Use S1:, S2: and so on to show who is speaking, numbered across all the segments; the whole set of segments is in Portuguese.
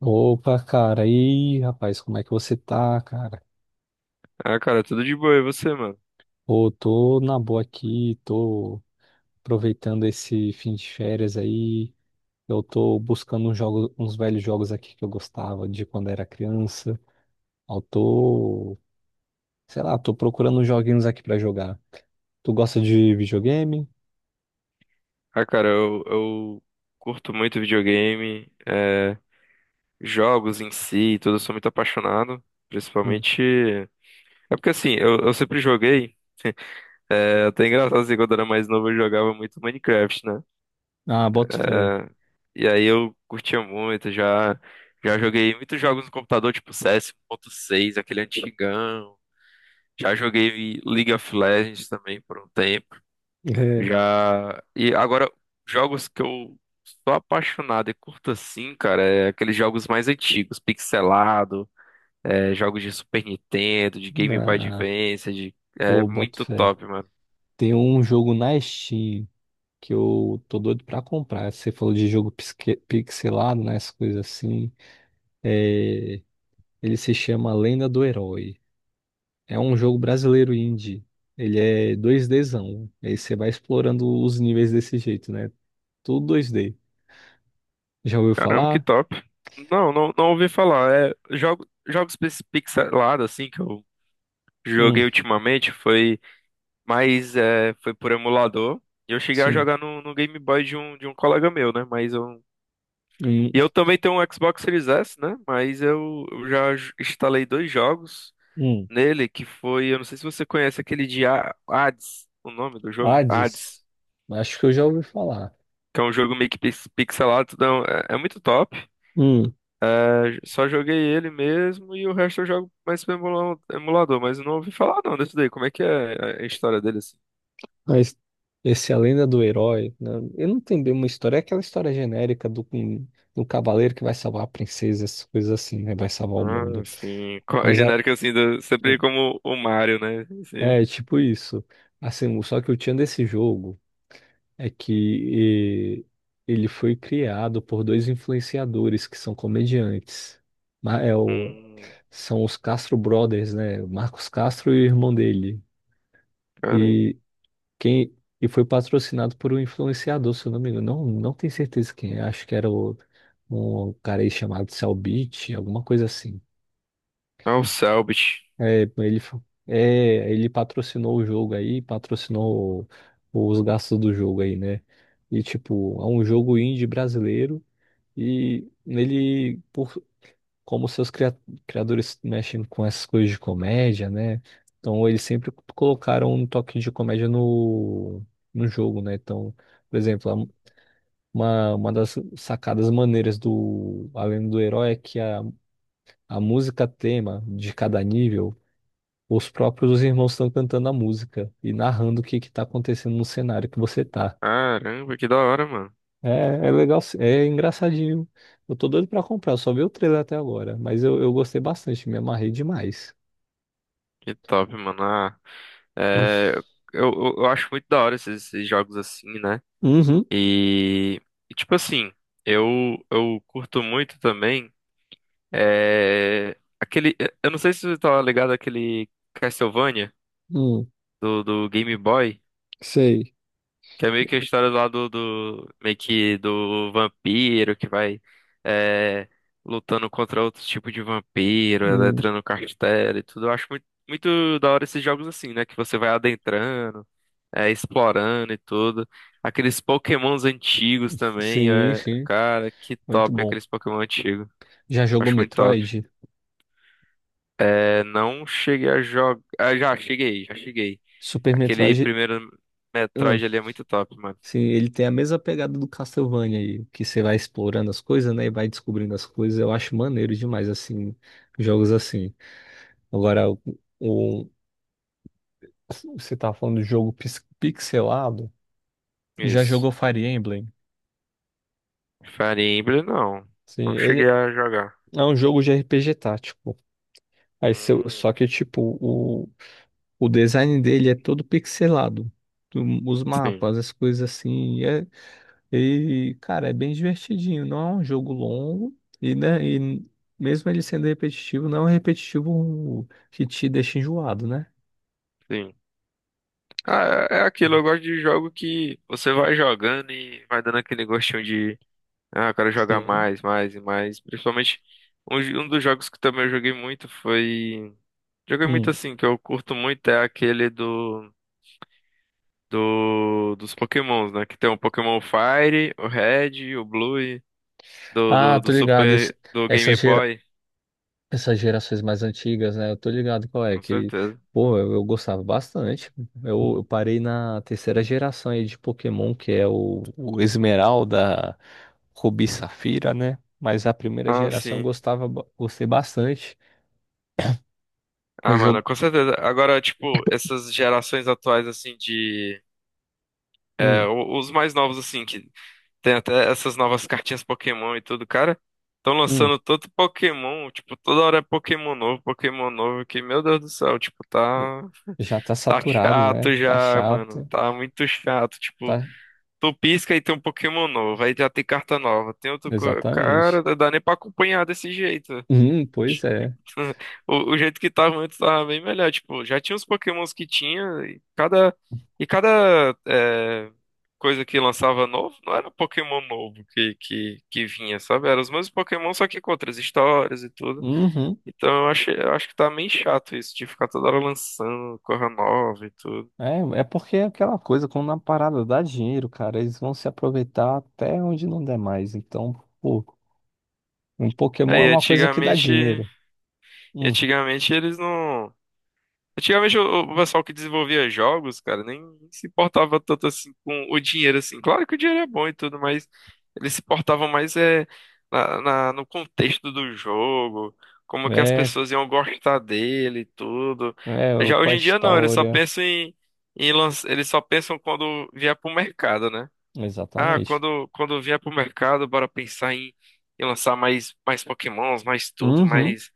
S1: Opa, cara, e aí, rapaz, como é que você tá, cara?
S2: Ah, cara, tudo de boa, e você, mano?
S1: Pô, tô na boa aqui, tô aproveitando esse fim de férias aí. Eu tô buscando uns velhos jogos aqui que eu gostava de quando era criança. Eu tô, sei lá, tô procurando uns joguinhos aqui pra jogar. Tu gosta de videogame?
S2: Ah, cara, eu curto muito videogame, jogos em si, e tudo, eu sou muito apaixonado,
S1: Hum.
S2: principalmente... É porque, assim, eu sempre joguei, até engraçado, assim, quando eu era mais novo eu jogava muito Minecraft, né?
S1: Ah, boto fé.
S2: É, e aí eu curtia muito, já joguei muitos jogos no computador, tipo CS 1.6, aquele antigão, já joguei League of Legends também por um tempo. Já. E agora, jogos que eu sou apaixonado e curto assim, cara, é aqueles jogos mais antigos, pixelado, jogos de Super Nintendo, de
S1: É.
S2: Game Boy
S1: Ah,
S2: Advance, de... é
S1: pô, boto
S2: muito
S1: fé.
S2: top, mano.
S1: Tem um jogo na Steam que eu tô doido pra comprar. Você falou de jogo pixelado, né? Essas coisas assim. É, ele se chama Lenda do Herói. É um jogo
S2: Hum,
S1: brasileiro indie. Ele é 2Dzão. Aí você vai explorando os níveis desse jeito, né? Tudo 2D. Já ouviu
S2: Caramba, que
S1: falar?
S2: top. Não, não, não ouvi falar. É, jogos pixelados, assim, que eu joguei
S1: Hum,
S2: ultimamente foi mais, foi por emulador. E eu cheguei a
S1: sim.
S2: jogar no, no Game Boy de um colega meu, né? Mas eu e
S1: Hum,
S2: eu também tenho um Xbox Series S, né? Mas eu já instalei dois jogos
S1: hum.
S2: nele, que foi, eu não sei se você conhece aquele de Hades, o nome do jogo, Hades,
S1: Hades? Acho que eu já ouvi falar.
S2: que é um jogo meio que pixelado, tudo é, um- é- é muito top.
S1: Hum.
S2: É, só joguei ele mesmo e o resto eu jogo mais pelo emulador, mas eu não ouvi falar não desse daí. Como é que é a história dele assim?
S1: Mas esse A Lenda do Herói, né? Ele não tem bem uma história, é aquela história genérica do cavaleiro que vai salvar a princesa, essas coisas assim, né? Vai salvar o
S2: Ah,
S1: mundo.
S2: sim.
S1: Mas
S2: Genérico assim, sempre como o Mario, né? Sim.
S1: é tipo isso. Assim, só que o tchan desse jogo é que ele foi criado por dois influenciadores que são comediantes. Ma- é o-
S2: Hum,
S1: São os Castro Brothers, né? Marcos Castro e o irmão dele.
S2: caramba.
S1: Quem, e foi patrocinado por um influenciador, se eu não me engano. Não, não tenho certeza quem é. Acho que era um cara aí chamado Cellbit, alguma coisa assim.
S2: Ah, o Selbit.
S1: É, ele, patrocinou o jogo aí, patrocinou os gastos do jogo aí, né? E tipo, é um jogo indie brasileiro e ele, por como seus criadores mexem com essas coisas de comédia, né? Então eles sempre colocaram um toque de comédia no jogo, né? Então, por exemplo, uma das sacadas maneiras do Além do Herói é que a música tema de cada nível, os próprios irmãos estão cantando a música e narrando o que que tá acontecendo no cenário que você tá.
S2: Caramba, que da hora, mano.
S1: É legal, é engraçadinho. Eu tô doido pra comprar, eu só vi o trailer até agora, mas eu gostei bastante, me amarrei demais.
S2: Que top, mano. Ah, é, eu acho muito da hora esses jogos assim, né?
S1: Uhum.
S2: E, e, tipo assim, eu, eu curto muito também. É, aquele. Eu não sei se você tá ligado àquele Castlevania
S1: Hum,
S2: do, do Game Boy,
S1: sei.
S2: que é meio que a história lá do, do meio que do vampiro que vai é, lutando contra outro tipo de vampiro,
S1: Hum,
S2: entrando no castelo e tudo. Eu acho muito da hora esses jogos assim, né? Que você vai adentrando, explorando e tudo. Aqueles Pokémons antigos também,
S1: sim,
S2: é,
S1: sim.
S2: cara, que
S1: Muito
S2: top
S1: bom.
S2: aqueles Pokémon antigos.
S1: Já jogou
S2: Acho muito top.
S1: Metroid?
S2: É, não cheguei a jogar. Ah, já cheguei.
S1: Super
S2: Aquele
S1: Metroid.
S2: primeiro
S1: hum,
S2: Metroid ali é muito top, mano.
S1: sim, ele tem a mesma pegada do Castlevania aí, que você vai explorando as coisas, né? E vai descobrindo as coisas. Eu acho maneiro demais, assim, jogos assim. Agora, o- você tá falando do jogo pixelado. Já
S2: Isso.
S1: jogou Fire Emblem?
S2: Fire Emblem, não.
S1: Sim,
S2: Não cheguei
S1: ele
S2: a jogar.
S1: é um jogo de RPG tático. Aí,
S2: Hum,
S1: só que, tipo, o design dele é todo pixelado. Tu- Os
S2: sim,
S1: mapas, as coisas assim. E, cara, é bem divertidinho. Não é um jogo longo. E, né, e mesmo ele sendo repetitivo, não é um repetitivo que te deixa enjoado, né?
S2: sim. Ah, é é aquilo, eu gosto de jogo que você vai jogando e vai dando aquele gostinho de ah, eu quero jogar
S1: Sim.
S2: mais e mais. Principalmente, um dos jogos que também eu joguei muito foi. Joguei muito
S1: Hum.
S2: assim, que eu curto muito, é aquele do, dos Pokémons, né? Que tem o Pokémon Fire, o Red, o Blue, e do,
S1: Ah,
S2: do
S1: tô ligado.
S2: Super, do
S1: Essa,
S2: Game
S1: gera-
S2: Boy,
S1: Essas gerações mais antigas, né? Eu tô ligado qual é,
S2: com
S1: que,
S2: certeza.
S1: pô, eu gostava bastante. Eu parei na terceira geração aí de Pokémon, que é o Esmeralda, Rubi e Safira, né? Mas a primeira
S2: Ah,
S1: geração eu
S2: sim.
S1: gostava, gostei bastante. O
S2: Ah,
S1: jogo,
S2: mano, com certeza. Agora, tipo, essas gerações atuais, assim, de. É,
S1: hum,
S2: os mais novos, assim, que tem até essas novas cartinhas Pokémon e tudo, cara. Estão
S1: hum,
S2: lançando todo Pokémon, tipo, toda hora é Pokémon novo, que, meu Deus do céu,
S1: já tá
S2: tá
S1: saturado, né?
S2: chato
S1: Tá
S2: já, mano,
S1: chato,
S2: tá muito chato, tipo,
S1: tá,
S2: tu pisca e tem um Pokémon novo, aí já tem carta nova, tem outro, cara,
S1: exatamente.
S2: não dá nem pra acompanhar desse jeito.
S1: Pois é.
S2: Tipo, o jeito que tava antes tava bem melhor. Tipo, já tinha os Pokémons que tinha, e cada, e cada é, coisa que lançava novo, não era Pokémon novo que vinha, sabe? Era os mesmos Pokémon, só que com outras histórias e tudo.
S1: Uhum.
S2: Então eu acho que tá meio chato isso, de ficar toda hora lançando coisa nova e tudo.
S1: É, é porque é aquela coisa, quando a parada dá dinheiro, cara, eles vão se aproveitar até onde não der mais. Então, pô, um Pokémon é
S2: Aí,
S1: uma coisa que dá
S2: antigamente,
S1: dinheiro.
S2: e
S1: Hum,
S2: antigamente eles não. Antigamente o pessoal que desenvolvia jogos, cara, nem se importava tanto assim com o dinheiro, assim. Claro que o dinheiro é bom e tudo, mas eles se portavam mais na, no contexto do jogo, como que as
S1: é,
S2: pessoas iam gostar dele e tudo.
S1: é,
S2: Já
S1: com a
S2: hoje em dia não,
S1: história.
S2: eles só pensam quando vier pro mercado, né? Ah,
S1: Exatamente.
S2: quando vier pro mercado, bora pensar em, em lançar mais Pokémons, mais tudo,
S1: Uhum,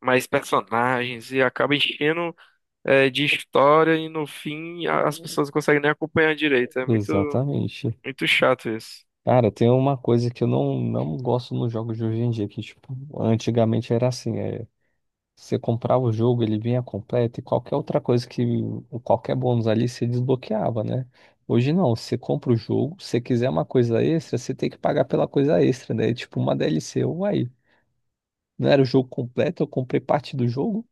S2: mais personagens, e acaba enchendo de história e no fim as pessoas não conseguem nem acompanhar direito. É
S1: exatamente.
S2: muito chato isso.
S1: Cara, tem uma coisa que eu não, não gosto nos jogos de hoje em dia, que, tipo, antigamente era assim. É, você comprava o jogo, ele vinha completo e qualquer outra coisa ou qualquer bônus ali você desbloqueava, né? Hoje não, você compra o jogo, se você quiser uma coisa extra, você tem que pagar pela coisa extra, né? É tipo uma DLC, uai, não era o jogo completo, eu comprei parte do jogo?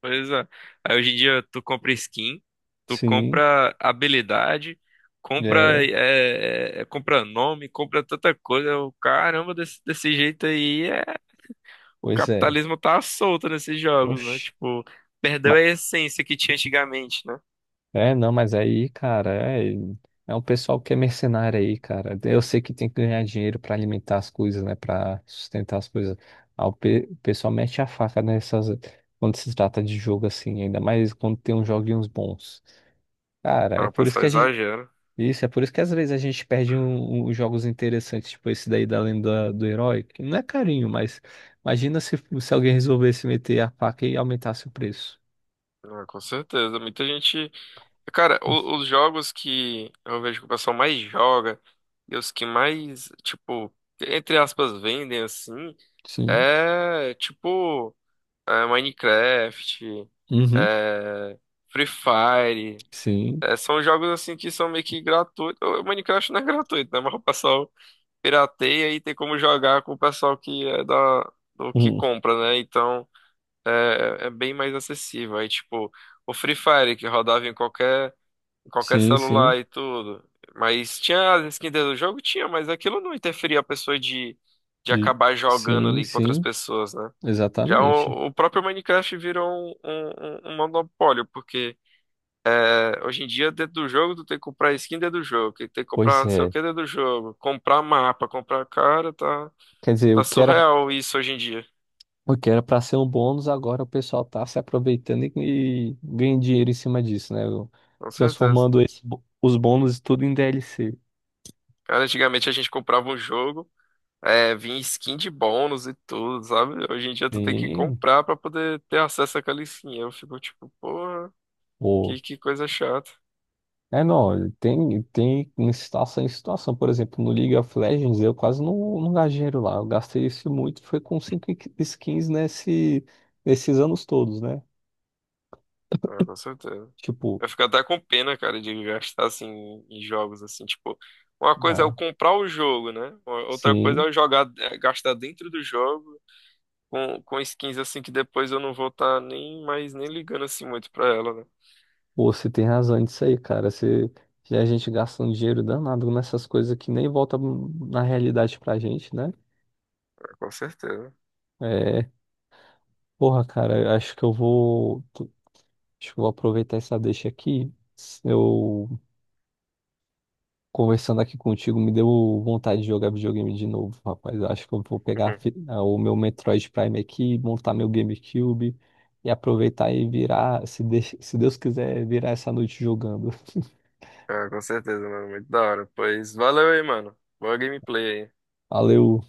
S2: Pois é. Aí hoje em dia tu compra skin, tu
S1: Sim,
S2: compra habilidade, compra,
S1: é,
S2: compra nome, compra tanta coisa. Eu, caramba, desse jeito aí é, o
S1: pois é,
S2: capitalismo tá solto nesses jogos, né?
S1: oxe.
S2: Tipo, perdeu a essência que tinha antigamente, né?
S1: É, não, mas aí, cara, é um pessoal que é mercenário aí, cara. Eu sei que tem que ganhar dinheiro pra alimentar as coisas, né, pra sustentar as coisas. Ah, o pessoal mete a faca nessas quando se trata de jogo assim, ainda mais quando tem uns joguinhos bons. Cara, é
S2: Ah, o
S1: por isso
S2: pessoal
S1: que a gente
S2: exagera.
S1: isso, é por isso que às vezes a gente perde uns jogos interessantes, tipo esse daí da Lenda do Herói, que não é carinho, mas imagina se alguém resolvesse meter a faca e aumentasse o preço.
S2: Ah, com certeza. Muita gente. Cara, os jogos que eu vejo que o pessoal mais joga e os que mais, tipo, entre aspas, vendem assim,
S1: Sim.
S2: é tipo Minecraft,
S1: Uhum.
S2: é, Free Fire.
S1: Sim.
S2: É, são jogos assim que são meio que gratuitos. O Minecraft não é gratuito, né? Mas o pessoal pirateia e tem como jogar com o pessoal que é da, do que compra, né? Então é, é bem mais acessível. Aí, tipo, o Free Fire que rodava em qualquer. Qualquer
S1: Sim,
S2: celular
S1: sim.
S2: e tudo. Mas tinha as skins do jogo? Tinha, mas aquilo não interferia a pessoa de
S1: De-
S2: acabar jogando
S1: Sim,
S2: ali com outras
S1: sim,
S2: pessoas, né? Já
S1: exatamente.
S2: o próprio Minecraft virou um, um monopólio, porque é, hoje em dia, dentro do jogo, tu tem que comprar skin dentro do jogo, que tem que comprar
S1: Pois
S2: não sei o
S1: é.
S2: que dentro do jogo, comprar mapa, comprar cara,
S1: Quer dizer,
S2: tá surreal isso hoje em dia,
S1: o que era para ser um bônus, agora o pessoal tá se aproveitando e ganha dinheiro em cima disso, né?
S2: com certeza.
S1: Transformando esse os bônus tudo em DLC.
S2: Cara, antigamente a gente comprava um jogo. É, vinha skin de bônus e tudo, sabe? Hoje em dia tu tem que
S1: Sim,
S2: comprar pra poder ter acesso àquela skin. Eu fico tipo, porra,
S1: pô.
S2: que coisa chata.
S1: É, não, tem em situação em situação. Por exemplo, no League of Legends, eu quase não, não gastei dinheiro lá. Eu gastei isso muito, foi com cinco skins nesses anos todos, né?
S2: Ah, com certeza.
S1: Tipo,
S2: Eu fico até com pena, cara, de gastar assim em jogos assim, tipo, uma coisa é eu
S1: ah,
S2: comprar o jogo, né? Outra coisa é
S1: sim.
S2: eu jogar, gastar dentro do jogo com skins assim que depois eu não vou estar nem mais nem ligando assim muito pra ela, né?
S1: Pô, você tem razão nisso aí, cara. Já a gente gasta um dinheiro danado nessas coisas que nem volta na realidade pra gente, né?
S2: Ah, com certeza.
S1: É, porra, cara, acho que eu vou aproveitar essa deixa aqui. Eu conversando aqui contigo me deu vontade de jogar videogame de novo, rapaz. Eu acho que eu vou pegar o meu Metroid Prime aqui, montar meu GameCube e aproveitar e virar, se Deus quiser, virar essa noite jogando.
S2: Ah, com certeza, mano. Muito da hora. Pois valeu aí, mano. Boa gameplay aí.
S1: Valeu.